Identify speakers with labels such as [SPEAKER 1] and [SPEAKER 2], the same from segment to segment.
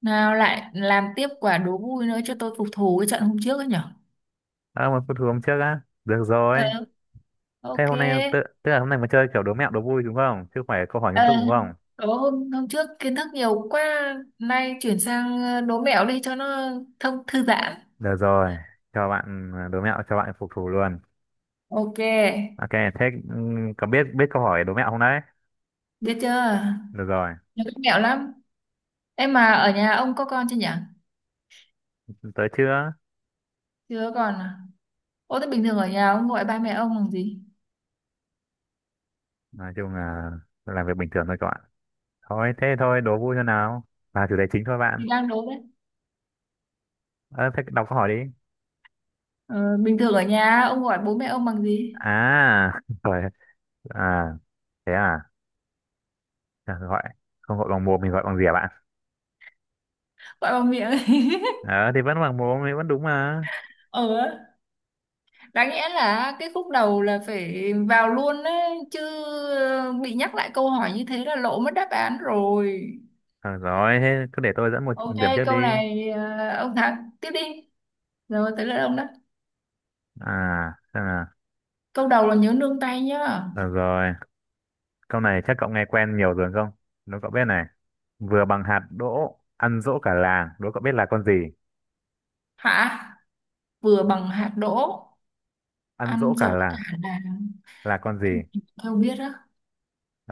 [SPEAKER 1] Nào lại làm tiếp quả đố vui nữa cho tôi phục thù cái trận hôm trước ấy nhở.
[SPEAKER 2] À, một phút hôm trước á, được rồi.
[SPEAKER 1] Ờ,
[SPEAKER 2] Thế
[SPEAKER 1] ok.
[SPEAKER 2] hôm nay tức là hôm nay mà chơi kiểu đố mẹo đố vui đúng không, chứ không phải câu hỏi
[SPEAKER 1] Ờ,
[SPEAKER 2] nghiêm túc đúng không?
[SPEAKER 1] đố hôm trước kiến thức nhiều quá. Nay chuyển sang đố mẹo đi cho nó thông thư giãn.
[SPEAKER 2] Được rồi, cho bạn đố mẹo cho bạn phục thù luôn.
[SPEAKER 1] Ok.
[SPEAKER 2] Ok, thế có biết biết câu hỏi đố mẹo không đấy?
[SPEAKER 1] Biết chưa?
[SPEAKER 2] Được rồi.
[SPEAKER 1] Nhiều cách mẹo lắm. Em mà ở nhà ông có con chưa nhỉ?
[SPEAKER 2] Tới chưa.
[SPEAKER 1] Chưa còn à? Ô thế bình thường ở nhà ông gọi ba mẹ ông bằng gì?
[SPEAKER 2] Nói chung là làm việc bình thường thôi các bạn. Thôi thế thôi, đố vui cho nào, và chủ đề chính thôi bạn.
[SPEAKER 1] Thì đang đố đấy.
[SPEAKER 2] Ờ, thế đọc câu hỏi đi.
[SPEAKER 1] Ờ, bình thường ở nhà ông gọi bố mẹ ông bằng gì?
[SPEAKER 2] À rồi. À, thế à, gọi, không gọi bằng mồm mình gọi bằng gì à bạn.
[SPEAKER 1] Gọi bằng miệng.
[SPEAKER 2] Ờ thì vẫn bằng mồm thì vẫn đúng mà.
[SPEAKER 1] Ờ, đáng nghĩa là cái khúc đầu là phải vào luôn đấy chứ. Bị nhắc lại câu hỏi như thế là lộ mất đáp án rồi.
[SPEAKER 2] Được rồi, thế cứ để tôi dẫn một
[SPEAKER 1] Ok,
[SPEAKER 2] điểm trước đi.
[SPEAKER 1] câu này à, ông thắng tiếp đi, rồi tới lượt ông đó.
[SPEAKER 2] À, xem nào.
[SPEAKER 1] Câu đầu là nhớ nương tay nhá.
[SPEAKER 2] Được rồi, câu này chắc cậu nghe quen nhiều rồi không? Đố cậu biết này. Vừa bằng hạt đỗ, ăn dỗ cả làng. Đố cậu biết là con gì?
[SPEAKER 1] Hả? Vừa bằng hạt đỗ
[SPEAKER 2] Ăn dỗ
[SPEAKER 1] ăn
[SPEAKER 2] cả
[SPEAKER 1] dỗ
[SPEAKER 2] làng
[SPEAKER 1] cả làng.
[SPEAKER 2] là con
[SPEAKER 1] Cái
[SPEAKER 2] gì?
[SPEAKER 1] gì mà biết á.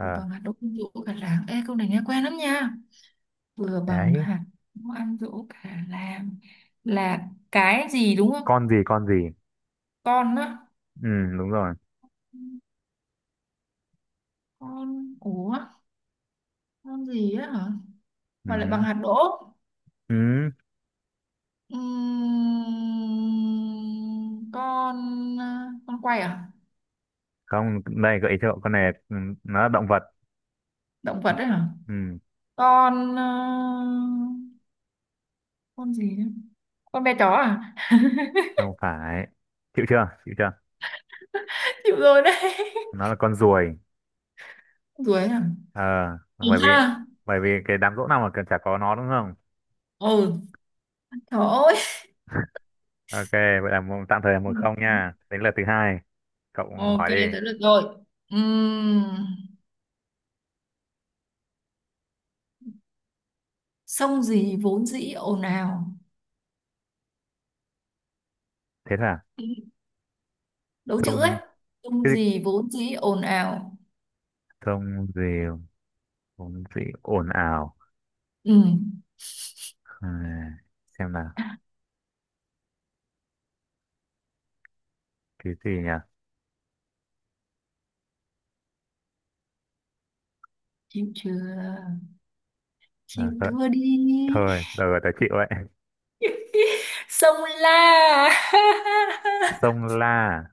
[SPEAKER 1] Vừa bằng hạt đỗ ăn dỗ cả làng, ê câu này nghe quen lắm nha. Vừa bằng
[SPEAKER 2] đấy.
[SPEAKER 1] hạt đỗ ăn dỗ cả làng là cái gì đúng không?
[SPEAKER 2] Con gì, con gì?
[SPEAKER 1] Con á,
[SPEAKER 2] Ừ, đúng rồi.
[SPEAKER 1] con ủa, con gì á hả?
[SPEAKER 2] Ừ,
[SPEAKER 1] Mà lại bằng
[SPEAKER 2] hứ.
[SPEAKER 1] hạt đỗ.
[SPEAKER 2] Ừ.
[SPEAKER 1] Con con quay à?
[SPEAKER 2] Không, đây gợi ý cho cậu. Con này nó là động vật.
[SPEAKER 1] Động vật đấy hả?
[SPEAKER 2] Ừ,
[SPEAKER 1] Con ờ, con gì nữa? Con bé chó à?
[SPEAKER 2] không phải. Chịu chưa? Chịu chưa?
[SPEAKER 1] Chịu rồi đấy.
[SPEAKER 2] Nó là con ruồi.
[SPEAKER 1] Ruồi à?
[SPEAKER 2] Ờ,
[SPEAKER 1] Đúng
[SPEAKER 2] bởi vì
[SPEAKER 1] ha.
[SPEAKER 2] bởi vì cái đám dỗ nào mà cần chả có nó đúng không?
[SPEAKER 1] Ừ, trời ơi.
[SPEAKER 2] Ok, vậy là một, tạm thời là một không nha. Đến lượt thứ hai, cậu
[SPEAKER 1] Ok,
[SPEAKER 2] hỏi đi.
[SPEAKER 1] tới được rồi. Ừm, Sông gì vốn dĩ ồn ào.
[SPEAKER 2] Thế là
[SPEAKER 1] Đố chữ ấy.
[SPEAKER 2] sông
[SPEAKER 1] Sông
[SPEAKER 2] cái gì-
[SPEAKER 1] gì vốn dĩ ồn ào.
[SPEAKER 2] sông gì, sông gì ồn ào.
[SPEAKER 1] Ừm.
[SPEAKER 2] À, xem nào,
[SPEAKER 1] À,
[SPEAKER 2] cái gì nhỉ?
[SPEAKER 1] chịu chưa? Chịu
[SPEAKER 2] À, thôi,
[SPEAKER 1] thua đi.
[SPEAKER 2] thôi, đời tớ chịu vậy.
[SPEAKER 1] Sông La.
[SPEAKER 2] Sông La.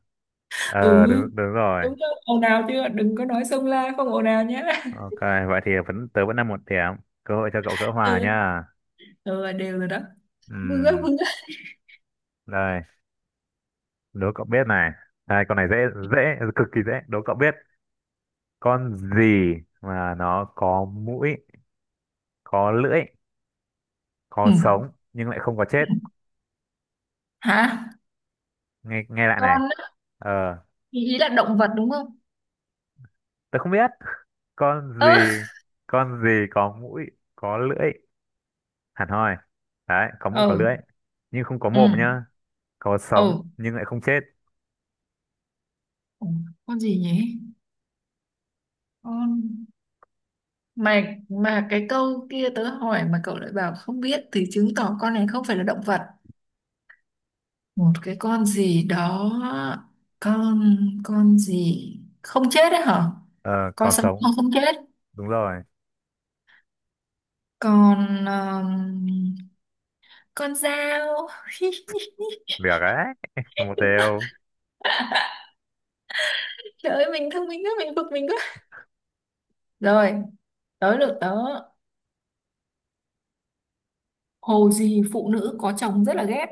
[SPEAKER 1] Ừ,
[SPEAKER 2] Ờ, đúng đúng rồi.
[SPEAKER 1] đúng rồi, ồn ào chưa, đừng có nói sông La không ồn ào nhé.
[SPEAKER 2] Ok, vậy thì vẫn tớ vẫn là một điểm. Cơ hội cho cậu gỡ
[SPEAKER 1] ừ,
[SPEAKER 2] hòa nha.
[SPEAKER 1] ừ đều rồi đó. Vui quá
[SPEAKER 2] Ừm,
[SPEAKER 1] vui quá.
[SPEAKER 2] đây, đố cậu biết này. Đây, con này dễ dễ cực kỳ dễ. Đố cậu biết con gì mà nó có mũi, có lưỡi, có
[SPEAKER 1] Ừ.
[SPEAKER 2] sống nhưng lại không có chết.
[SPEAKER 1] Hả?
[SPEAKER 2] Nghe nghe lại này.
[SPEAKER 1] Con á,
[SPEAKER 2] Ờ,
[SPEAKER 1] thì ý là động vật đúng không?
[SPEAKER 2] tớ không biết. Con
[SPEAKER 1] Ơ,
[SPEAKER 2] gì, con gì có mũi, có lưỡi hẳn hoi đấy, có mũi có
[SPEAKER 1] ừ
[SPEAKER 2] lưỡi nhưng không có
[SPEAKER 1] ừ
[SPEAKER 2] mồm nhá, có sống
[SPEAKER 1] ừ.
[SPEAKER 2] nhưng lại không chết.
[SPEAKER 1] Ủa, con gì nhỉ, con mà mà cái câu kia tớ hỏi mà cậu lại bảo không biết thì chứng tỏ con này không phải là động vật. Một cái con gì đó, con con gì không chết đấy hả?
[SPEAKER 2] Ờ,
[SPEAKER 1] Con
[SPEAKER 2] có
[SPEAKER 1] sống
[SPEAKER 2] sống.
[SPEAKER 1] không, không chết.
[SPEAKER 2] Đúng rồi.
[SPEAKER 1] Con um, con dao.
[SPEAKER 2] Được đấy. Một đều.
[SPEAKER 1] Trời ơi, mình thông minh quá, mình bực mình quá. Rồi, tới lượt tớ. Hồ gì phụ nữ có chồng rất là ghét.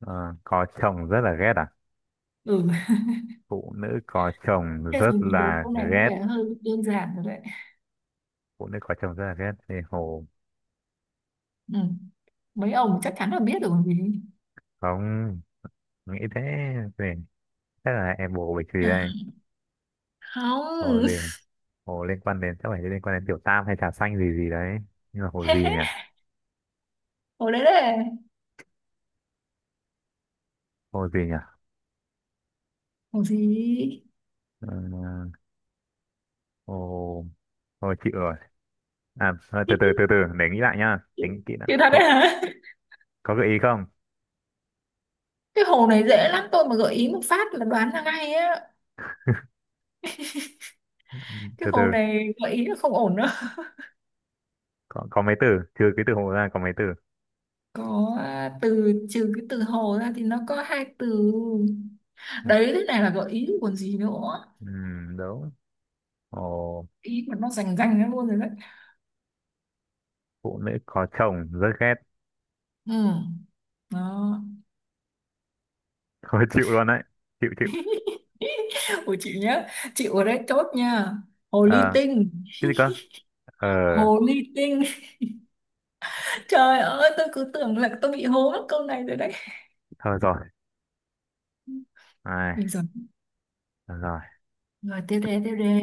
[SPEAKER 2] Ờ, có chồng rất là ghét à?
[SPEAKER 1] Ừ,
[SPEAKER 2] Phụ nữ có chồng
[SPEAKER 1] thế rồi
[SPEAKER 2] rất
[SPEAKER 1] mình đố
[SPEAKER 2] là
[SPEAKER 1] câu này có
[SPEAKER 2] ghét.
[SPEAKER 1] vẻ hơi đơn giản rồi đấy.
[SPEAKER 2] Phụ nữ có chồng rất là ghét thì hồ.
[SPEAKER 1] Ừ, mấy ông chắc chắn là biết rồi vì
[SPEAKER 2] Không nghĩ thế thì chắc là em bồ bịch gì
[SPEAKER 1] à,
[SPEAKER 2] đây. Hồ
[SPEAKER 1] không.
[SPEAKER 2] gì này? Hồ liên quan đến, chắc phải liên quan đến tiểu tam hay trà xanh gì gì đấy. Nhưng mà hồ gì nhỉ?
[SPEAKER 1] Hồ đấy đấy.
[SPEAKER 2] Hồ gì nhỉ?
[SPEAKER 1] Hồ gì.
[SPEAKER 2] Ờ, hồ, hồ chịu rồi. À thôi, từ từ từ từ để nghĩ lại nhá. Tính kỹ đã.
[SPEAKER 1] Chữ thật đấy hả?
[SPEAKER 2] Có gợi ý không?
[SPEAKER 1] Cái hồ này dễ lắm, tôi mà gợi ý một phát là đoán ra ngay á. Cái
[SPEAKER 2] Từ từ,
[SPEAKER 1] hồ này gợi ý là không ổn đâu.
[SPEAKER 2] có mấy từ, trừ cái từ hồ ra có mấy từ.
[SPEAKER 1] Có à, từ trừ cái từ hồ ra thì nó có hai từ. Đấy, thế này là gợi ý còn gì nữa,
[SPEAKER 2] Đúng. Hồ
[SPEAKER 1] ý mà nó rành rành ra luôn rồi đấy.
[SPEAKER 2] phụ nữ có chồng rất ghét.
[SPEAKER 1] Ừ. Đó.
[SPEAKER 2] Thôi chịu luôn đấy. Chịu chịu.
[SPEAKER 1] Của chị nhá, chịu ở đây chốt nha. Hồ
[SPEAKER 2] Ờ,
[SPEAKER 1] ly tinh.
[SPEAKER 2] cái gì cơ? Ờ,
[SPEAKER 1] Hồ ly tinh. Trời ơi, tôi cứ tưởng là tôi bị hố mất câu này rồi đấy.
[SPEAKER 2] thôi rồi. Ai,
[SPEAKER 1] Bây giờ
[SPEAKER 2] thôi rồi.
[SPEAKER 1] rồi, tiếp đề tiếp đề.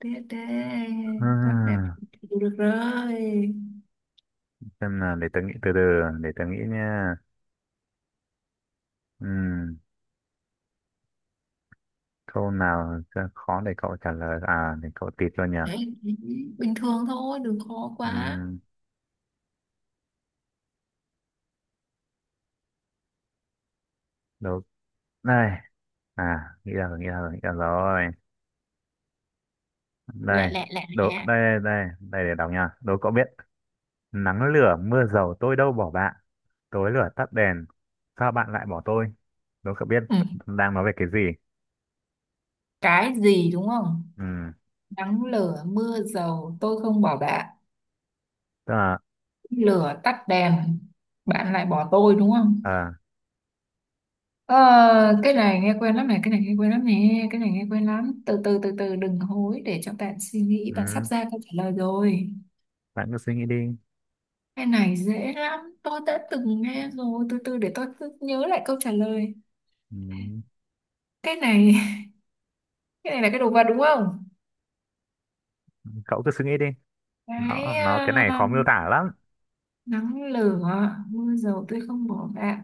[SPEAKER 1] Tê tê, con đẹp
[SPEAKER 2] Hmm,
[SPEAKER 1] chịu được rồi.
[SPEAKER 2] xem nào, để tớ nghĩ từ từ, để tớ nghĩ nha. Câu nào sẽ khó để cậu trả lời à, để cậu tịt luôn nhỉ.
[SPEAKER 1] Đấy, bình thường thôi, đừng khó quá.
[SPEAKER 2] Ừm, đố, đây, à nghĩ ra rồi nghĩ ra rồi nghĩ ra rồi, đây,
[SPEAKER 1] Lẹ lẹ lẹ
[SPEAKER 2] đố,
[SPEAKER 1] lẹ.
[SPEAKER 2] đây đây đây để đọc nha. Đố cậu biết, nắng lửa mưa dầu tôi đâu bỏ bạn, tối lửa tắt đèn sao bạn lại bỏ tôi. Đố cậu biết
[SPEAKER 1] Ừ.
[SPEAKER 2] đang nói về cái gì.
[SPEAKER 1] Cái gì đúng không?
[SPEAKER 2] Ừ,
[SPEAKER 1] Nắng lửa mưa dầu tôi không bỏ bạn.
[SPEAKER 2] tức là,
[SPEAKER 1] Lửa tắt đèn, bạn lại bỏ tôi đúng không?
[SPEAKER 2] à,
[SPEAKER 1] Ờ, cái này nghe quen lắm này, cái này nghe quen lắm nè, cái này nghe quen lắm. Từ từ từ từ đừng hối để cho bạn suy nghĩ, bạn sắp ra câu trả lời rồi.
[SPEAKER 2] bạn cứ suy nghĩ đi.
[SPEAKER 1] Cái này dễ lắm, tôi đã từng nghe rồi, từ từ để tôi cứ nhớ lại câu trả lời.
[SPEAKER 2] Ừm,
[SPEAKER 1] Cái này cái này là cái đồ vật đúng không?
[SPEAKER 2] cậu cứ suy nghĩ đi,
[SPEAKER 1] Cái
[SPEAKER 2] nó cái này
[SPEAKER 1] à,
[SPEAKER 2] khó miêu tả lắm.
[SPEAKER 1] nắng lửa mưa dầu tôi không bỏ bạn.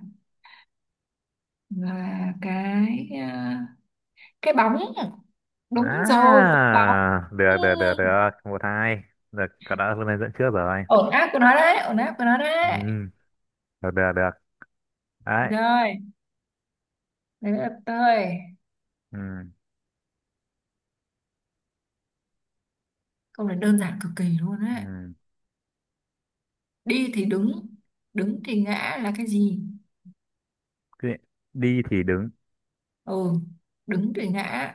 [SPEAKER 1] Và cái à, cái bóng, đúng rồi cái bóng.
[SPEAKER 2] À,
[SPEAKER 1] Ừ.
[SPEAKER 2] được. Một, hai. Được, cậu đã lên dẫn trước rồi.
[SPEAKER 1] Ổn áp của nó đấy, ổn áp của nó đấy.
[SPEAKER 2] Ừ, được. Đấy.
[SPEAKER 1] Rồi, đấy là tôi.
[SPEAKER 2] Ừ,
[SPEAKER 1] Câu này đơn giản cực kỳ luôn đấy.
[SPEAKER 2] ừ.
[SPEAKER 1] Đi thì đứng, đứng thì ngã là cái gì?
[SPEAKER 2] Cái- Đi thì đứng.
[SPEAKER 1] Ừ, đứng thì ngã,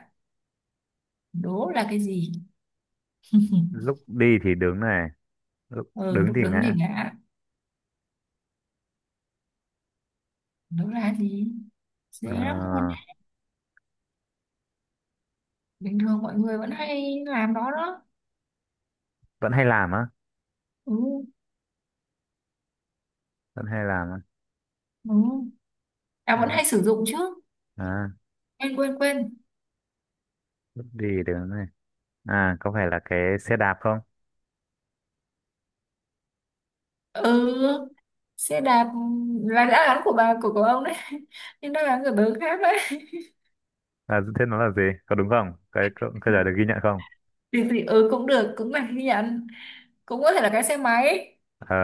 [SPEAKER 1] đố là cái gì?
[SPEAKER 2] Lúc đi thì đứng này. Lúc
[SPEAKER 1] Ừ,
[SPEAKER 2] đứng
[SPEAKER 1] lúc
[SPEAKER 2] thì
[SPEAKER 1] đứng thì
[SPEAKER 2] ngã.
[SPEAKER 1] ngã, đố là cái gì? Dễ lắm luôn.
[SPEAKER 2] Ờ,
[SPEAKER 1] Bình thường mọi người vẫn hay làm đó đó.
[SPEAKER 2] vẫn hay làm á.
[SPEAKER 1] Ừ.
[SPEAKER 2] Vẫn hay làm á.
[SPEAKER 1] Ừ. À vẫn
[SPEAKER 2] Đúng.
[SPEAKER 1] hay sử dụng chứ.
[SPEAKER 2] À,
[SPEAKER 1] Quên quên quên.
[SPEAKER 2] lúc đi thì đứng này. À, có phải là cái xe đạp không?
[SPEAKER 1] Ừ, xe đạp là đã gắn của bà của ông đấy. Nhưng đó là người bớ khác đấy.
[SPEAKER 2] À, thế nó là gì? Có đúng không? Cái câu câu trả lời được ghi nhận không?
[SPEAKER 1] Thì ừ cũng được, cũng là ghi nhận. Cũng có thể là cái xe máy.
[SPEAKER 2] Ờ,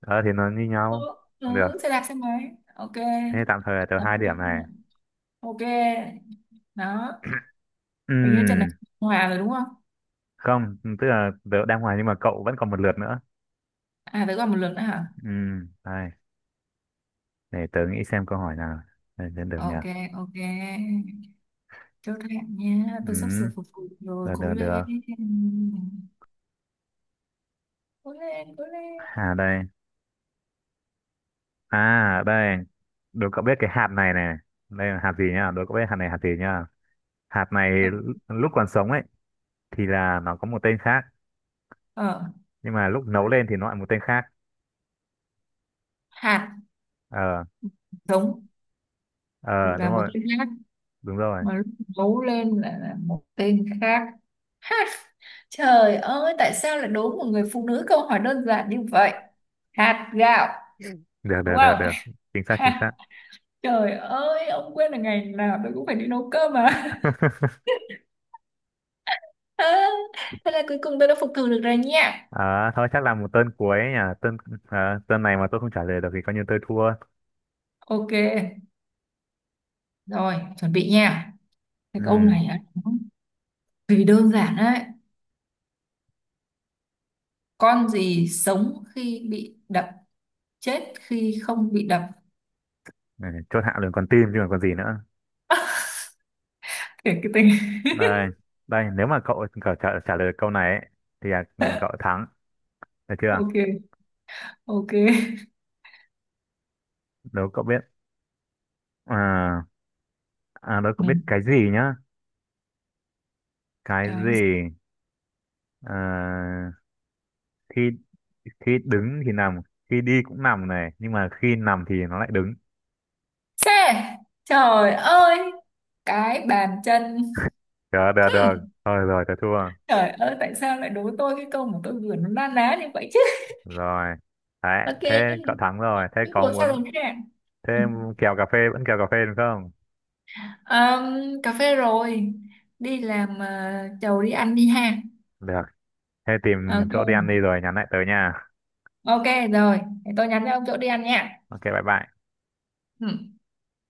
[SPEAKER 2] ờ thì nó như
[SPEAKER 1] Ừ,
[SPEAKER 2] nhau. Được.
[SPEAKER 1] ừ xe đạp xe máy ok.
[SPEAKER 2] Thế tạm thời là tờ hai điểm này.
[SPEAKER 1] Ừ, ok. Đó,
[SPEAKER 2] Ừ.
[SPEAKER 1] hình như trận này hòa rồi đúng không?
[SPEAKER 2] Không, tức là tớ đang ngoài nhưng mà cậu vẫn còn một lượt nữa.
[SPEAKER 1] À tới còn một lượt nữa hả?
[SPEAKER 2] Ừ, đây, để tớ nghĩ xem câu hỏi nào. Đây, được, được nhỉ.
[SPEAKER 1] Ok, ok. Chốt hạ nha,
[SPEAKER 2] Ừ,
[SPEAKER 1] tôi sắp sửa phục vụ rồi,
[SPEAKER 2] được
[SPEAKER 1] cố
[SPEAKER 2] được
[SPEAKER 1] lên
[SPEAKER 2] được
[SPEAKER 1] cố lên cố lên.
[SPEAKER 2] À đây, à đây. Đố cậu biết cái hạt này này. Đây là hạt gì nhá, đố cậu biết hạt này hạt gì nhá. Hạt này
[SPEAKER 1] À,
[SPEAKER 2] lúc còn sống ấy thì là nó có một tên khác,
[SPEAKER 1] ờ,
[SPEAKER 2] nhưng mà lúc nấu lên thì nó lại một tên khác.
[SPEAKER 1] hạt
[SPEAKER 2] Ờ.
[SPEAKER 1] giống thì
[SPEAKER 2] Ờ đúng
[SPEAKER 1] là một
[SPEAKER 2] rồi.
[SPEAKER 1] tên khác,
[SPEAKER 2] Đúng rồi.
[SPEAKER 1] mà lúc nấu lên lại là một tên khác. Ha, trời ơi tại sao lại đố một người phụ nữ câu hỏi đơn giản như vậy. Hạt gạo,
[SPEAKER 2] được
[SPEAKER 1] đúng
[SPEAKER 2] được được
[SPEAKER 1] không?
[SPEAKER 2] được Chính xác, chính xác.
[SPEAKER 1] Ha, trời ơi ông quên là ngày nào tôi cũng phải đi nấu cơm mà. À, thế là cuối cùng tôi đã phục thù được rồi nha.
[SPEAKER 2] Ờ, thôi chắc là một tên cuối nhỉ, tên, ờ, tên này mà tôi không trả lời được thì coi như tôi thua.
[SPEAKER 1] Ok, rồi chuẩn bị nha. Cái câu
[SPEAKER 2] Ừ.
[SPEAKER 1] này á, nó vì đơn giản đấy. Con gì sống khi bị đập, chết khi không bị đập.
[SPEAKER 2] Ừ, chốt hạ luôn, còn tim chứ còn còn gì nữa.
[SPEAKER 1] Kể cái tên.
[SPEAKER 2] Đây, đây, nếu mà cậu trả lời được câu này ấy, thì là cậu thắng, được chưa?
[SPEAKER 1] Ok, ok.
[SPEAKER 2] Nếu cậu biết, à, à nếu cậu
[SPEAKER 1] Ừ.
[SPEAKER 2] biết cái gì nhá. Cái
[SPEAKER 1] Cái
[SPEAKER 2] gì, ờ, khi, khi đứng thì nằm, khi đi cũng nằm này, nhưng mà khi nằm thì nó lại đứng.
[SPEAKER 1] xe, trời ơi, cái bàn chân.
[SPEAKER 2] Được được được.
[SPEAKER 1] Hmm,
[SPEAKER 2] Thôi rồi, tôi thua.
[SPEAKER 1] trời ơi tại sao lại đố tôi cái câu mà tôi vừa nó na ná như vậy chứ.
[SPEAKER 2] Rồi đấy,
[SPEAKER 1] Ok,
[SPEAKER 2] thế cậu thắng rồi, thế
[SPEAKER 1] những
[SPEAKER 2] có
[SPEAKER 1] cuộc sao
[SPEAKER 2] muốn.
[SPEAKER 1] rồi nè.
[SPEAKER 2] Thế em kèo cà phê vẫn kèo cà phê đúng không?
[SPEAKER 1] Cà phê rồi đi làm, chầu đi ăn đi ha.
[SPEAKER 2] Được. Thế
[SPEAKER 1] Ờ,
[SPEAKER 2] tìm chỗ đi
[SPEAKER 1] ok.
[SPEAKER 2] ăn đi rồi nhắn lại tới nha.
[SPEAKER 1] Ok rồi, để tôi nhắn cho ông chỗ đi ăn nha.
[SPEAKER 2] Ok, bye bye.
[SPEAKER 1] Ừ.